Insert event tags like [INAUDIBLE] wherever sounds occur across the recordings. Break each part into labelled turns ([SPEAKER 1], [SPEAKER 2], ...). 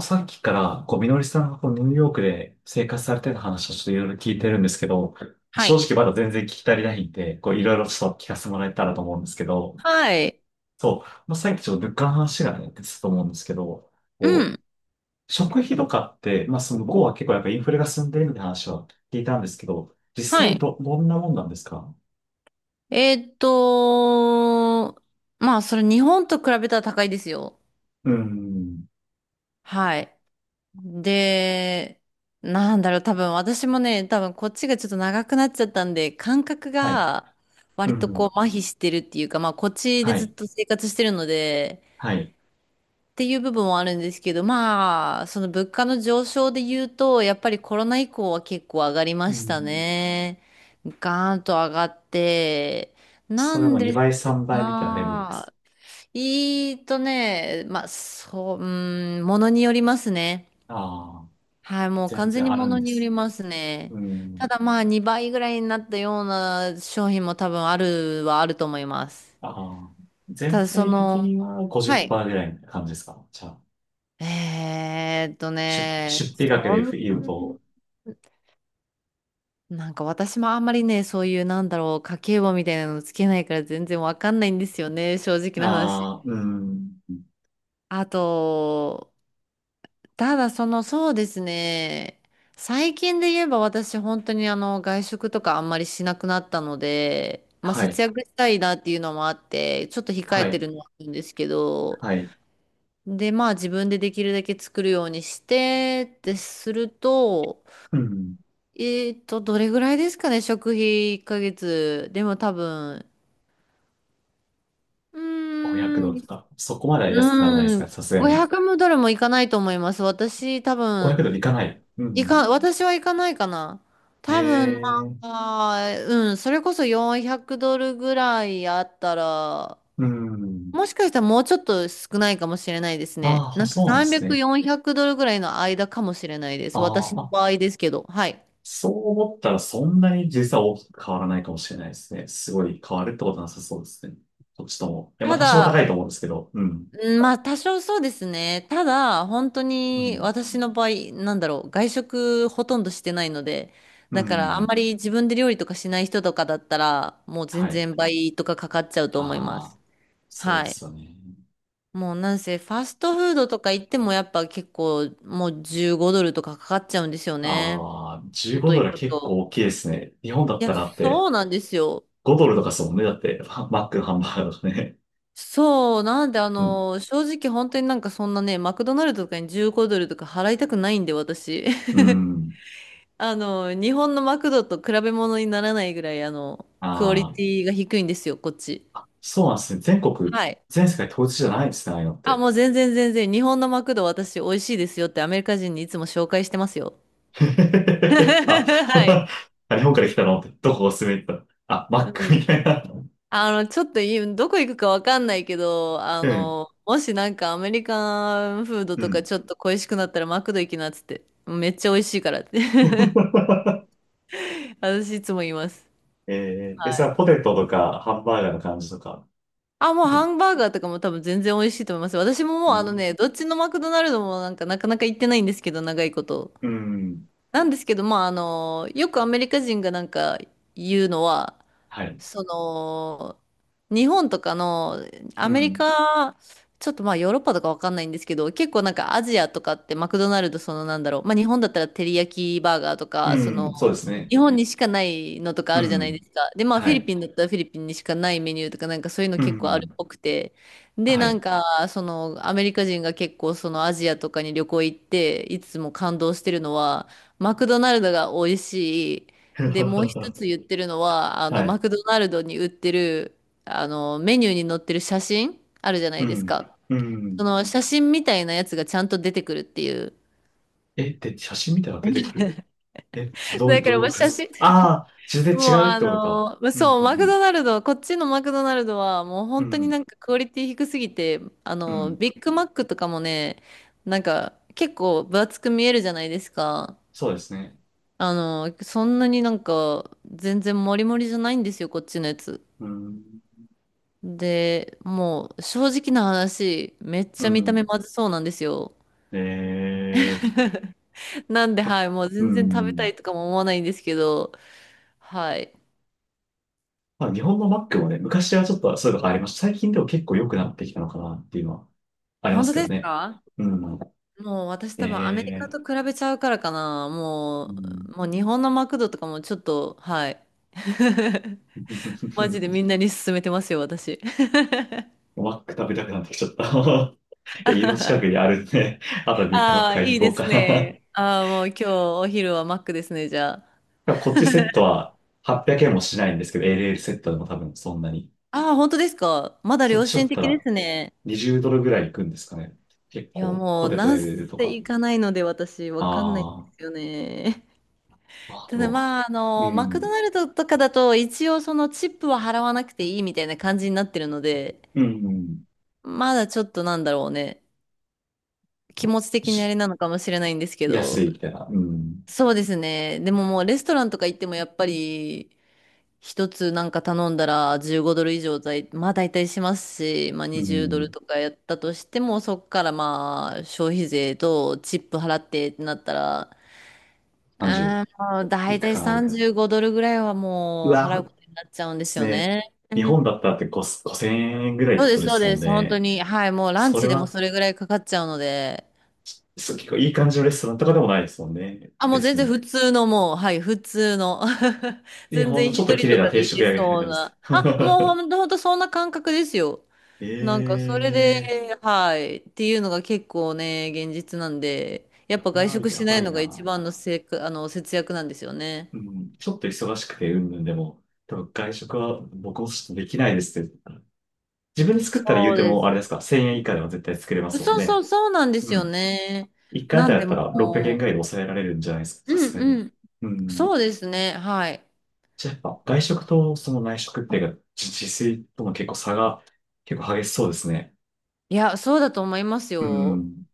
[SPEAKER 1] さっきから、みのりさんがニューヨークで生活されてた話をちょっといろいろ聞いてるんですけど、
[SPEAKER 2] は
[SPEAKER 1] 正
[SPEAKER 2] い。
[SPEAKER 1] 直まだ全然聞き足りないんで、いろいろちょっと聞かせてもらえたらと思うんですけど、
[SPEAKER 2] はい。
[SPEAKER 1] さっきちょっと物価の話がね、出てたと思うんですけど、
[SPEAKER 2] う
[SPEAKER 1] こ
[SPEAKER 2] ん。
[SPEAKER 1] 食費とかって、まあ、その向こうは結構やっぱインフレが進んでるみたいな話は聞いたんですけど、実
[SPEAKER 2] は
[SPEAKER 1] 際
[SPEAKER 2] い。
[SPEAKER 1] どんなもんなんですか？
[SPEAKER 2] えーっと、まあ、それ日本と比べたら高いですよ。
[SPEAKER 1] うん。
[SPEAKER 2] はい。で、なんだろう、多分私もね、多分こっちがちょっと長くなっちゃったんで、感覚
[SPEAKER 1] はい。
[SPEAKER 2] が
[SPEAKER 1] う
[SPEAKER 2] 割とこ
[SPEAKER 1] ん。
[SPEAKER 2] う麻痺してるっていうか、まあ、こっちで
[SPEAKER 1] は
[SPEAKER 2] ずっ
[SPEAKER 1] い。
[SPEAKER 2] と生活してるので、
[SPEAKER 1] はい。
[SPEAKER 2] っていう部分はあるんですけど、まあ、その物価の上昇で言うと、やっぱりコロナ以降は結構上がりま
[SPEAKER 1] う
[SPEAKER 2] した
[SPEAKER 1] ん。
[SPEAKER 2] ね。ガーンと上がって、な
[SPEAKER 1] それ
[SPEAKER 2] ん
[SPEAKER 1] も
[SPEAKER 2] です
[SPEAKER 1] 2倍、3倍みたいなレベルですか？
[SPEAKER 2] が、いいとね、まあ、そう、うん、ものによりますね。
[SPEAKER 1] ああー、
[SPEAKER 2] はい、もう
[SPEAKER 1] 全
[SPEAKER 2] 完全
[SPEAKER 1] 然
[SPEAKER 2] に
[SPEAKER 1] あ
[SPEAKER 2] も
[SPEAKER 1] る
[SPEAKER 2] の
[SPEAKER 1] んで
[SPEAKER 2] によ
[SPEAKER 1] す。
[SPEAKER 2] りますね。
[SPEAKER 1] う
[SPEAKER 2] た
[SPEAKER 1] ん。
[SPEAKER 2] だまあ、2倍ぐらいになったような商品も多分あるはあると思います。
[SPEAKER 1] ああ、
[SPEAKER 2] た
[SPEAKER 1] 全
[SPEAKER 2] だそ
[SPEAKER 1] 体的
[SPEAKER 2] の、
[SPEAKER 1] には
[SPEAKER 2] はい。
[SPEAKER 1] 50%ぐらいな感じですか？じゃあ、
[SPEAKER 2] えーっとね、
[SPEAKER 1] 出費額
[SPEAKER 2] そ
[SPEAKER 1] で
[SPEAKER 2] ん、
[SPEAKER 1] 言うと、
[SPEAKER 2] [LAUGHS] なんか私もあんまりね、そういうなんだろう、家計簿みたいなのつけないから全然わかんないんですよね、正直な話。
[SPEAKER 1] ああ、うん。
[SPEAKER 2] あと、ただその、そうですね、最近で言えば私本当にあの、外食とかあんまりしなくなったので、まあ
[SPEAKER 1] は
[SPEAKER 2] 節
[SPEAKER 1] い、
[SPEAKER 2] 約したいなっていうのもあって、ちょっと控
[SPEAKER 1] は
[SPEAKER 2] えて
[SPEAKER 1] い、
[SPEAKER 2] るのはあるんですけど、
[SPEAKER 1] はい。
[SPEAKER 2] で、まあ自分でできるだけ作るようにして、ってすると、
[SPEAKER 1] うん。
[SPEAKER 2] どれぐらいですかね、食費1ヶ月。でも多分、う
[SPEAKER 1] 500
[SPEAKER 2] ー
[SPEAKER 1] ド
[SPEAKER 2] ん、
[SPEAKER 1] ルとか、そこまでは安くならないです
[SPEAKER 2] うーん、
[SPEAKER 1] か、さすがに。
[SPEAKER 2] 500ドルもいかないと思います。私、多分、
[SPEAKER 1] 500ドルいかない。うん。
[SPEAKER 2] 私はいかないかな。
[SPEAKER 1] え
[SPEAKER 2] 多分、
[SPEAKER 1] え、
[SPEAKER 2] まあ、うん、それこそ400ドルぐらいあったら、
[SPEAKER 1] うん。
[SPEAKER 2] もしかしたらもうちょっと少ないかもしれないですね。
[SPEAKER 1] ああ、
[SPEAKER 2] なんか
[SPEAKER 1] そうなんです
[SPEAKER 2] 300、
[SPEAKER 1] ね。
[SPEAKER 2] 400ドルぐらいの間かもしれないで
[SPEAKER 1] あ
[SPEAKER 2] す。私
[SPEAKER 1] ー
[SPEAKER 2] の
[SPEAKER 1] あ、
[SPEAKER 2] 場合ですけど。はい。
[SPEAKER 1] そう思ったらそんなに実は大きく変わらないかもしれないですね。すごい変わるってことなさそうですね。どっちとも。いや、ま
[SPEAKER 2] た
[SPEAKER 1] あ多少高いと
[SPEAKER 2] だ、
[SPEAKER 1] 思うんですけど。うん。
[SPEAKER 2] うんまあ多少そうですね。ただ、本当
[SPEAKER 1] う
[SPEAKER 2] に
[SPEAKER 1] ん。
[SPEAKER 2] 私の場合、なんだろう、外食ほとんどしてないので、
[SPEAKER 1] う
[SPEAKER 2] だからあんま
[SPEAKER 1] ん。
[SPEAKER 2] り自分で料理とかしない人とかだったら、もう全
[SPEAKER 1] はい。
[SPEAKER 2] 然倍とかかかっちゃうと思いま
[SPEAKER 1] ああ、
[SPEAKER 2] す。
[SPEAKER 1] そう
[SPEAKER 2] は
[SPEAKER 1] で
[SPEAKER 2] い。
[SPEAKER 1] すよね。
[SPEAKER 2] もうなんせ、ファストフードとか行ってもやっぱ結構もう15ドルとかかかっちゃうんですよね。
[SPEAKER 1] ああ、15
[SPEAKER 2] 外
[SPEAKER 1] ド
[SPEAKER 2] 行
[SPEAKER 1] ルは
[SPEAKER 2] く
[SPEAKER 1] 結構
[SPEAKER 2] と。
[SPEAKER 1] 大きいですね。日本だ
[SPEAKER 2] い
[SPEAKER 1] っ
[SPEAKER 2] や、
[SPEAKER 1] たらだって
[SPEAKER 2] そうなんですよ。
[SPEAKER 1] 5ドルとかですもんね。だって、[LAUGHS] マックのハンバーガーとかね。
[SPEAKER 2] そう、なんであ
[SPEAKER 1] [LAUGHS] うん。
[SPEAKER 2] の、正直本当になんかそんなね、マクドナルドとかに15ドルとか払いたくないんで、私。
[SPEAKER 1] うん。
[SPEAKER 2] [LAUGHS] あの、日本のマクドと比べ物にならないぐらい、あの、クオリ
[SPEAKER 1] ああ、
[SPEAKER 2] ティが低いんですよ、こっち。
[SPEAKER 1] そうなんですね。全国、
[SPEAKER 2] はい。
[SPEAKER 1] 全世界統一じゃないんですね、ああいうのっ
[SPEAKER 2] あ、
[SPEAKER 1] て。
[SPEAKER 2] もう全然全然、日本のマクド私美味しいですよってアメリカ人にいつも紹介してますよ。
[SPEAKER 1] [LAUGHS] あ、
[SPEAKER 2] [LAUGHS] はい。
[SPEAKER 1] [LAUGHS] あ、日本から来たのって、どこおすすめって言ったら、あ、マック
[SPEAKER 2] う
[SPEAKER 1] み
[SPEAKER 2] ん。
[SPEAKER 1] たいな。
[SPEAKER 2] あの、ちょっといい、どこ行くかわかんないけど、あ
[SPEAKER 1] うん。
[SPEAKER 2] の、もしなんかアメリカンフード
[SPEAKER 1] う
[SPEAKER 2] とか
[SPEAKER 1] ん。
[SPEAKER 2] ちょっと恋しくなったらマクド行きなっつって、めっちゃ美味しいからって
[SPEAKER 1] [LAUGHS]
[SPEAKER 2] [LAUGHS] 私いつも言います。
[SPEAKER 1] えー、え、それはポテトとかハンバーガーの感じとか？
[SPEAKER 2] あ、もうハンバーガーとかも多分全然美味しいと思います。私も
[SPEAKER 1] う
[SPEAKER 2] もうあの
[SPEAKER 1] ん。
[SPEAKER 2] ね、どっちのマクドナルドもなんかなかなか行ってないんですけど、長いこと。
[SPEAKER 1] うん。
[SPEAKER 2] なんですけど、まああの、よくアメリカ人がなんか言うのは、
[SPEAKER 1] はい。
[SPEAKER 2] その、日本とかの、ア
[SPEAKER 1] う
[SPEAKER 2] メリ
[SPEAKER 1] ん。
[SPEAKER 2] カ、ちょっとまあヨーロッパとかわかんないんですけど、結構なんかアジアとかってマクドナルドそのなんだろう、まあ日本だったらテリヤキバーガーとか、そ
[SPEAKER 1] う
[SPEAKER 2] の、
[SPEAKER 1] ん。そうですね。
[SPEAKER 2] 日本にしかないのとか
[SPEAKER 1] う
[SPEAKER 2] あるじゃないで
[SPEAKER 1] ん。
[SPEAKER 2] すか。で、まあフ
[SPEAKER 1] は
[SPEAKER 2] ィリ
[SPEAKER 1] い。
[SPEAKER 2] ピンだったらフィリピンにしかないメニューとかなんかそういうの
[SPEAKER 1] う
[SPEAKER 2] 結構ある
[SPEAKER 1] ん。
[SPEAKER 2] っぽくて。で、
[SPEAKER 1] は
[SPEAKER 2] なん
[SPEAKER 1] い。
[SPEAKER 2] かそのアメリカ人が結構そのアジアとかに旅行行っていつも感動してるのはマクドナルドが美味しい。で、もう一
[SPEAKER 1] [LAUGHS]
[SPEAKER 2] つ言ってるのはあ
[SPEAKER 1] は
[SPEAKER 2] のマ
[SPEAKER 1] い。
[SPEAKER 2] クドナルドに売ってるあのメニューに載ってる写真あるじゃな
[SPEAKER 1] う
[SPEAKER 2] いです
[SPEAKER 1] ん。
[SPEAKER 2] か。
[SPEAKER 1] う
[SPEAKER 2] そ
[SPEAKER 1] ん。
[SPEAKER 2] の写真みたいなやつがちゃんと出てくるっていう。
[SPEAKER 1] え、で、写真見たら出てくる。
[SPEAKER 2] [LAUGHS]
[SPEAKER 1] え、どういう、
[SPEAKER 2] だか
[SPEAKER 1] どうい
[SPEAKER 2] ら
[SPEAKER 1] う
[SPEAKER 2] も
[SPEAKER 1] こ
[SPEAKER 2] う
[SPEAKER 1] とで
[SPEAKER 2] 写
[SPEAKER 1] す
[SPEAKER 2] 真
[SPEAKER 1] か？ああー、全
[SPEAKER 2] もう
[SPEAKER 1] 然違うっ
[SPEAKER 2] あ
[SPEAKER 1] てことか。
[SPEAKER 2] のー
[SPEAKER 1] うん。
[SPEAKER 2] そう、マ
[SPEAKER 1] う
[SPEAKER 2] ク
[SPEAKER 1] ん。
[SPEAKER 2] ドナルド、こっちのマクドナルドはもう
[SPEAKER 1] うん。
[SPEAKER 2] 本
[SPEAKER 1] う
[SPEAKER 2] 当にな
[SPEAKER 1] ん。
[SPEAKER 2] んかクオリティ低すぎて、あ
[SPEAKER 1] う
[SPEAKER 2] のー、
[SPEAKER 1] ん。
[SPEAKER 2] ビッグマックとかもね、なんか結構分厚く見えるじゃないですか。
[SPEAKER 1] そうですね。
[SPEAKER 2] あのーそんなになんか全然モリモリじゃないんですよ、こっちのやつ。
[SPEAKER 1] うん。
[SPEAKER 2] で、もう正直な話、めっ
[SPEAKER 1] う
[SPEAKER 2] ちゃ見た
[SPEAKER 1] ん。
[SPEAKER 2] 目まずそうなんですよ。
[SPEAKER 1] えー。
[SPEAKER 2] なんで、はい、もう
[SPEAKER 1] う
[SPEAKER 2] 全然食べた
[SPEAKER 1] ん。
[SPEAKER 2] いとかも思わないんですけど、はい。
[SPEAKER 1] まあ、日本のマックもね、昔はちょっとそういうのがありました。最近でも結構良くなってきたのかなっていうのはありま
[SPEAKER 2] 本
[SPEAKER 1] す
[SPEAKER 2] 当
[SPEAKER 1] け
[SPEAKER 2] で
[SPEAKER 1] ど
[SPEAKER 2] す
[SPEAKER 1] ね。
[SPEAKER 2] か？
[SPEAKER 1] うん。
[SPEAKER 2] もう私
[SPEAKER 1] え
[SPEAKER 2] 多分アメリカ
[SPEAKER 1] え。
[SPEAKER 2] と比べちゃうからかな。
[SPEAKER 1] うん。
[SPEAKER 2] もう日本のマクドとかもちょっと、はい。[LAUGHS] マジでみん
[SPEAKER 1] [LAUGHS]
[SPEAKER 2] なに勧めてますよ、私。
[SPEAKER 1] マック食べたくなってきちゃった。 [LAUGHS] いや、家の近くに
[SPEAKER 2] [LAUGHS]
[SPEAKER 1] あるんで、[LAUGHS] あとビッグマッ
[SPEAKER 2] あ
[SPEAKER 1] ク
[SPEAKER 2] あ、
[SPEAKER 1] 買いに
[SPEAKER 2] いい
[SPEAKER 1] 行こ
[SPEAKER 2] で
[SPEAKER 1] う
[SPEAKER 2] す
[SPEAKER 1] か
[SPEAKER 2] ね。ああ、もう今日お昼はマックですね、じゃあ。
[SPEAKER 1] な。 [LAUGHS] こっちセットは800円もしないんですけど、LL セットでも多分そんなに。
[SPEAKER 2] ああ、本当ですか。まだ
[SPEAKER 1] そっ
[SPEAKER 2] 良
[SPEAKER 1] ちだ
[SPEAKER 2] 心
[SPEAKER 1] った
[SPEAKER 2] 的で
[SPEAKER 1] ら
[SPEAKER 2] すね。
[SPEAKER 1] 20ドルぐらいいくんですかね。結
[SPEAKER 2] いや、
[SPEAKER 1] 構、
[SPEAKER 2] も
[SPEAKER 1] ポ
[SPEAKER 2] う、
[SPEAKER 1] テト
[SPEAKER 2] なん
[SPEAKER 1] LL と
[SPEAKER 2] せ
[SPEAKER 1] か。
[SPEAKER 2] 行かないので私、わかんないんで
[SPEAKER 1] あ
[SPEAKER 2] すよね。
[SPEAKER 1] あ、
[SPEAKER 2] [LAUGHS]
[SPEAKER 1] あ
[SPEAKER 2] ただ
[SPEAKER 1] と、
[SPEAKER 2] まあ、あ
[SPEAKER 1] う
[SPEAKER 2] の、マクド
[SPEAKER 1] ん、
[SPEAKER 2] ナルドとかだと、一応そのチップは払わなくていいみたいな感じになってるので、
[SPEAKER 1] うん、うん、
[SPEAKER 2] まだちょっとなんだろうね。気持ち的にあ
[SPEAKER 1] し
[SPEAKER 2] れなのかもしれないんですけ
[SPEAKER 1] 安
[SPEAKER 2] ど。
[SPEAKER 1] いみたいな。うん、
[SPEAKER 2] そうですね。でももうレストランとか行ってもやっぱり一つなんか頼んだら15ドル以上だい、まあ大体しますし、まあ
[SPEAKER 1] う
[SPEAKER 2] 20ドル
[SPEAKER 1] ん、
[SPEAKER 2] とかやったとしてもそっからまあ消費税とチップ払ってってなったら、うーん、も
[SPEAKER 1] 30
[SPEAKER 2] う
[SPEAKER 1] い
[SPEAKER 2] 大
[SPEAKER 1] く
[SPEAKER 2] 体
[SPEAKER 1] かな、みたいな。
[SPEAKER 2] 35ドルぐらいは
[SPEAKER 1] う
[SPEAKER 2] もう払
[SPEAKER 1] わ、
[SPEAKER 2] う
[SPEAKER 1] で
[SPEAKER 2] ことになっちゃうんです
[SPEAKER 1] す
[SPEAKER 2] よ
[SPEAKER 1] ね。
[SPEAKER 2] ね。う
[SPEAKER 1] 日本
[SPEAKER 2] ん
[SPEAKER 1] だったらって5 5000円ぐらいっ
[SPEAKER 2] そ
[SPEAKER 1] て
[SPEAKER 2] う
[SPEAKER 1] こ
[SPEAKER 2] で
[SPEAKER 1] と
[SPEAKER 2] す、
[SPEAKER 1] で
[SPEAKER 2] そう
[SPEAKER 1] すも
[SPEAKER 2] で
[SPEAKER 1] ん
[SPEAKER 2] す。本当
[SPEAKER 1] ね。
[SPEAKER 2] に。はい、もうラン
[SPEAKER 1] それ
[SPEAKER 2] チでも
[SPEAKER 1] は、
[SPEAKER 2] それぐらいかかっちゃうので。
[SPEAKER 1] そう、結構いい感じのレストランとかでもないですもんね、
[SPEAKER 2] あ、もう全
[SPEAKER 1] 別
[SPEAKER 2] 然
[SPEAKER 1] に。
[SPEAKER 2] 普通のもう、はい、普通の。[LAUGHS]
[SPEAKER 1] で
[SPEAKER 2] 全
[SPEAKER 1] ほんの
[SPEAKER 2] 然
[SPEAKER 1] ち
[SPEAKER 2] 一
[SPEAKER 1] ょっと綺
[SPEAKER 2] 人
[SPEAKER 1] 麗
[SPEAKER 2] と
[SPEAKER 1] な
[SPEAKER 2] か
[SPEAKER 1] 定
[SPEAKER 2] で行
[SPEAKER 1] 食
[SPEAKER 2] け
[SPEAKER 1] 屋みたいな
[SPEAKER 2] そう
[SPEAKER 1] 感じです。
[SPEAKER 2] な。あ、もうほん
[SPEAKER 1] [LAUGHS]
[SPEAKER 2] と、ほんとそんな感覚ですよ。
[SPEAKER 1] え
[SPEAKER 2] なんかそれで、
[SPEAKER 1] え
[SPEAKER 2] はい、っていうのが結構ね、現実なんで、や
[SPEAKER 1] ー、
[SPEAKER 2] っ
[SPEAKER 1] こ
[SPEAKER 2] ぱ
[SPEAKER 1] れ
[SPEAKER 2] 外
[SPEAKER 1] は
[SPEAKER 2] 食
[SPEAKER 1] や
[SPEAKER 2] しな
[SPEAKER 1] ば
[SPEAKER 2] い
[SPEAKER 1] い
[SPEAKER 2] のが一
[SPEAKER 1] な。
[SPEAKER 2] 番のあの、節約なんですよね。
[SPEAKER 1] うん、ちょっと忙しくて、うんぬんでも、多分外食は僕もちょっとできないですって。自分で作ったら言
[SPEAKER 2] そ
[SPEAKER 1] う
[SPEAKER 2] う
[SPEAKER 1] て
[SPEAKER 2] で
[SPEAKER 1] も、
[SPEAKER 2] す。
[SPEAKER 1] あれですか、1000円以下では絶対作れますもん
[SPEAKER 2] そうそう、
[SPEAKER 1] ね。
[SPEAKER 2] そうなんです
[SPEAKER 1] う
[SPEAKER 2] よ
[SPEAKER 1] ん。
[SPEAKER 2] ね。
[SPEAKER 1] 1回あ
[SPEAKER 2] な
[SPEAKER 1] た
[SPEAKER 2] ん
[SPEAKER 1] り
[SPEAKER 2] で
[SPEAKER 1] だった
[SPEAKER 2] も
[SPEAKER 1] ら600円ぐらいで抑えられるんじゃないですか、
[SPEAKER 2] う、
[SPEAKER 1] さ
[SPEAKER 2] う
[SPEAKER 1] す
[SPEAKER 2] ん
[SPEAKER 1] がに。
[SPEAKER 2] うん。
[SPEAKER 1] うん。
[SPEAKER 2] そうですね、はい。
[SPEAKER 1] じゃあやっぱ外食とその内食っていうか、自炊との結構差が結構激しそうですね。
[SPEAKER 2] いや、そうだと思います
[SPEAKER 1] う
[SPEAKER 2] よ。
[SPEAKER 1] ん。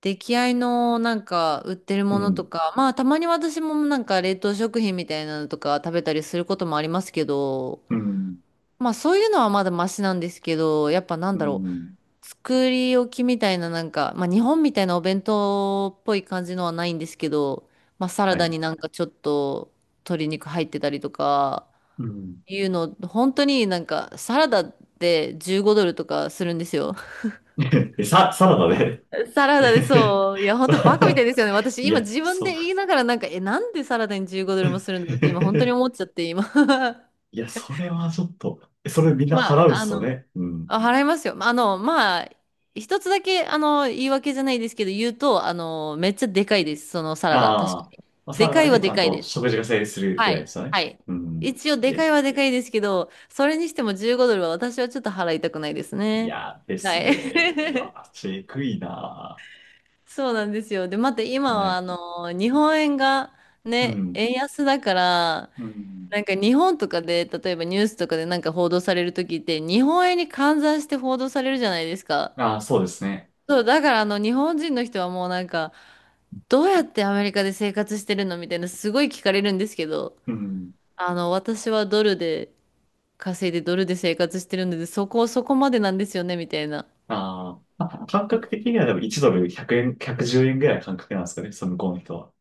[SPEAKER 2] 出来合いのなんか売ってる
[SPEAKER 1] う
[SPEAKER 2] ものと
[SPEAKER 1] ん、
[SPEAKER 2] か、まあたまに私もなんか冷凍食品みたいなのとか食べたりすることもありますけど、
[SPEAKER 1] うん、
[SPEAKER 2] まあそういうのはまだマシなんですけど、やっぱなん
[SPEAKER 1] う
[SPEAKER 2] だろ
[SPEAKER 1] ん、
[SPEAKER 2] う、作り置きみたいななんか、まあ日本みたいなお弁当っぽい感じのはないんですけど、まあサラ
[SPEAKER 1] は
[SPEAKER 2] ダ
[SPEAKER 1] い。
[SPEAKER 2] になんかちょっと鶏肉入ってたりとか、
[SPEAKER 1] うん。
[SPEAKER 2] いうの、本当になんかサラダって15ドルとかするんですよ。
[SPEAKER 1] [LAUGHS] え、サラダで？
[SPEAKER 2] サラダで
[SPEAKER 1] [LAUGHS]
[SPEAKER 2] そう。いや、本当バカみた
[SPEAKER 1] さ
[SPEAKER 2] いですよね。私、
[SPEAKER 1] い
[SPEAKER 2] 今
[SPEAKER 1] や、
[SPEAKER 2] 自分
[SPEAKER 1] う。
[SPEAKER 2] で言いながら、なんか、え、なんでサラダに15ドルもするんだ
[SPEAKER 1] [LAUGHS]
[SPEAKER 2] ろうって、今、本当に思っちゃって、今。[LAUGHS]
[SPEAKER 1] いや、それはちょっと、それみんな
[SPEAKER 2] まあ、
[SPEAKER 1] 払うんで
[SPEAKER 2] あ
[SPEAKER 1] すよ
[SPEAKER 2] の、
[SPEAKER 1] ね。うん。
[SPEAKER 2] あ払いますよ。あの、まあ、一つだけ、あの、言い訳じゃないですけど、言うと、あの、めっちゃでかいです。そのサラダ、確か
[SPEAKER 1] ああ、
[SPEAKER 2] に。
[SPEAKER 1] まあ、サ
[SPEAKER 2] で
[SPEAKER 1] ラダ
[SPEAKER 2] か
[SPEAKER 1] だ
[SPEAKER 2] いは
[SPEAKER 1] けち
[SPEAKER 2] で
[SPEAKER 1] ゃん
[SPEAKER 2] かい
[SPEAKER 1] と
[SPEAKER 2] です。
[SPEAKER 1] 食事が成立するぐ
[SPEAKER 2] は
[SPEAKER 1] らいで
[SPEAKER 2] い。
[SPEAKER 1] すよ
[SPEAKER 2] は
[SPEAKER 1] ね。
[SPEAKER 2] い。
[SPEAKER 1] うん。
[SPEAKER 2] 一応、
[SPEAKER 1] い
[SPEAKER 2] で
[SPEAKER 1] や、
[SPEAKER 2] かいはでかいですけど、それにしても15ドルは私はちょっと払いたくないです
[SPEAKER 1] い
[SPEAKER 2] ね。
[SPEAKER 1] やで
[SPEAKER 2] は
[SPEAKER 1] す
[SPEAKER 2] い。
[SPEAKER 1] ね。うわ、
[SPEAKER 2] [LAUGHS]
[SPEAKER 1] ちえくいな。
[SPEAKER 2] そうなんですよ。で、また今
[SPEAKER 1] は
[SPEAKER 2] はあ
[SPEAKER 1] い。
[SPEAKER 2] の日本円が
[SPEAKER 1] う
[SPEAKER 2] ね、
[SPEAKER 1] ん。
[SPEAKER 2] 円安だから、
[SPEAKER 1] うん。
[SPEAKER 2] なんか日本とかで、例えばニュースとかでなんか報道される時って、日本円に換算して報道されるじゃないですか。
[SPEAKER 1] ああ、そうですね。
[SPEAKER 2] そう、だからあの日本人の人はもうなんか、どうやってアメリカで生活してるのみたいな、すごい聞かれるんですけど、
[SPEAKER 1] うん。
[SPEAKER 2] あの、私はドルで稼いでドルで生活してるので、そこ、そこまでなんですよね、みたいな。
[SPEAKER 1] あーあ、感覚的にはでも1ドル100円、110円ぐらいの感覚なんですかね、その向こうの人は。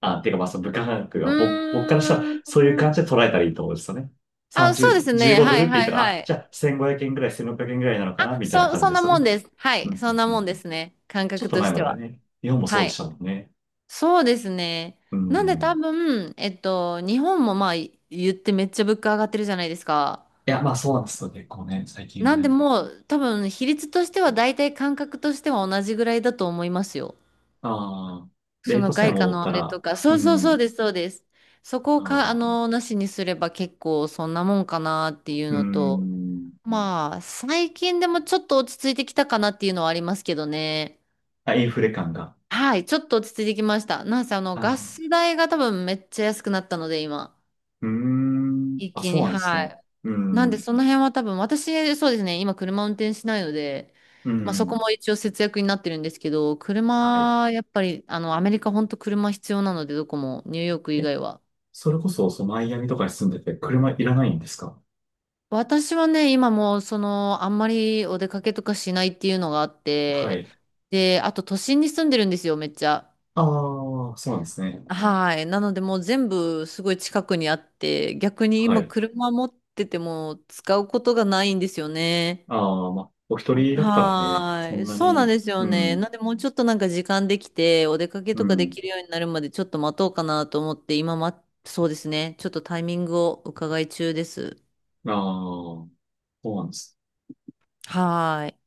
[SPEAKER 1] あ、ていうかまあその物価感覚
[SPEAKER 2] う
[SPEAKER 1] は僕からしたら
[SPEAKER 2] ー
[SPEAKER 1] そういう感
[SPEAKER 2] ん。
[SPEAKER 1] じで捉えたらいいと思うんですよね。
[SPEAKER 2] あ、そうで
[SPEAKER 1] 30、
[SPEAKER 2] すね。
[SPEAKER 1] 15ド
[SPEAKER 2] は
[SPEAKER 1] ルっ
[SPEAKER 2] い
[SPEAKER 1] て言っ
[SPEAKER 2] はい
[SPEAKER 1] たら、
[SPEAKER 2] は
[SPEAKER 1] あ、
[SPEAKER 2] い。
[SPEAKER 1] じゃあ1500円ぐらい、1600円ぐらいなのか
[SPEAKER 2] あ、
[SPEAKER 1] な、みたいな感
[SPEAKER 2] そ
[SPEAKER 1] じ
[SPEAKER 2] ん
[SPEAKER 1] で
[SPEAKER 2] な
[SPEAKER 1] すよ
[SPEAKER 2] も
[SPEAKER 1] ね。
[SPEAKER 2] んです。は
[SPEAKER 1] うんう
[SPEAKER 2] い。
[SPEAKER 1] ん
[SPEAKER 2] そんな
[SPEAKER 1] うんう
[SPEAKER 2] も
[SPEAKER 1] ん。
[SPEAKER 2] んですね。感
[SPEAKER 1] ちょっ
[SPEAKER 2] 覚
[SPEAKER 1] と
[SPEAKER 2] と
[SPEAKER 1] 前
[SPEAKER 2] し
[SPEAKER 1] ま
[SPEAKER 2] て
[SPEAKER 1] では
[SPEAKER 2] は。
[SPEAKER 1] ね、日本もそう
[SPEAKER 2] は
[SPEAKER 1] でした
[SPEAKER 2] い。
[SPEAKER 1] もんね。
[SPEAKER 2] そうですね。
[SPEAKER 1] う
[SPEAKER 2] なんで多
[SPEAKER 1] ん。
[SPEAKER 2] 分、えっと、日本もまあい言ってめっちゃ物価上がってるじゃないですか。
[SPEAKER 1] いや、まあそうなんですよ、結構ね、最近は
[SPEAKER 2] なんで
[SPEAKER 1] ね。
[SPEAKER 2] もう多分比率としては大体感覚としては同じぐらいだと思いますよ。
[SPEAKER 1] ああ、レ
[SPEAKER 2] そ
[SPEAKER 1] ー
[SPEAKER 2] の
[SPEAKER 1] トさえ
[SPEAKER 2] 外貨
[SPEAKER 1] 戻っ
[SPEAKER 2] の
[SPEAKER 1] た
[SPEAKER 2] あれと
[SPEAKER 1] ら、
[SPEAKER 2] か。
[SPEAKER 1] う
[SPEAKER 2] そうそうそ
[SPEAKER 1] ん、
[SPEAKER 2] うです、そうです。そこを
[SPEAKER 1] あ
[SPEAKER 2] か、あ
[SPEAKER 1] あ、
[SPEAKER 2] の、なしにすれば結構そんなもんかなっていう
[SPEAKER 1] う
[SPEAKER 2] のと、
[SPEAKER 1] ん、
[SPEAKER 2] まあ、最近でもちょっと落ち着いてきたかなっていうのはありますけどね。
[SPEAKER 1] あ、インフレ感が。
[SPEAKER 2] はい、ちょっと落ち着いてきました。なんせあの、ガ
[SPEAKER 1] ああ、
[SPEAKER 2] ス代が多分めっちゃ安くなったので、今。
[SPEAKER 1] うーん。
[SPEAKER 2] 一
[SPEAKER 1] あ、
[SPEAKER 2] 気
[SPEAKER 1] そ
[SPEAKER 2] に、
[SPEAKER 1] うなんです
[SPEAKER 2] は
[SPEAKER 1] ね。
[SPEAKER 2] い。
[SPEAKER 1] う
[SPEAKER 2] なんで、
[SPEAKER 1] ん。
[SPEAKER 2] その辺は多分、私、そうですね、今車運転しないので、
[SPEAKER 1] う
[SPEAKER 2] まあそこ
[SPEAKER 1] ん。
[SPEAKER 2] も一応節約になってるんですけど、
[SPEAKER 1] はい。
[SPEAKER 2] 車、やっぱり、あの、アメリカ本当車必要なので、どこも、ニューヨーク以
[SPEAKER 1] え、
[SPEAKER 2] 外は。
[SPEAKER 1] それこそ、そのマイアミとかに住んでて、車いらないんですか？
[SPEAKER 2] 私はね、今もう、その、あんまりお出かけとかしないっていうのがあっ
[SPEAKER 1] は
[SPEAKER 2] て、
[SPEAKER 1] い。
[SPEAKER 2] で、あと都心に住んでるんですよ、めっちゃ。
[SPEAKER 1] ああ、そうなんですね。
[SPEAKER 2] はい。なのでもう全部すごい近くにあって、逆に
[SPEAKER 1] は
[SPEAKER 2] 今
[SPEAKER 1] い。
[SPEAKER 2] 車持ってても使うことがないんですよね。
[SPEAKER 1] ああ、まあ、お一人だったらね、
[SPEAKER 2] は
[SPEAKER 1] そ
[SPEAKER 2] ー
[SPEAKER 1] ん
[SPEAKER 2] い。
[SPEAKER 1] な
[SPEAKER 2] そうなん
[SPEAKER 1] に、
[SPEAKER 2] ですよ
[SPEAKER 1] う
[SPEAKER 2] ね。
[SPEAKER 1] ん、
[SPEAKER 2] なんでもうちょっとなんか時間できて、お出かけ
[SPEAKER 1] う
[SPEAKER 2] とかで
[SPEAKER 1] ん。
[SPEAKER 2] きるようになるまでちょっと待とうかなと思って、今ま、そうですね。ちょっとタイミングを伺い中です。
[SPEAKER 1] ああ、そうなんです。
[SPEAKER 2] はーい。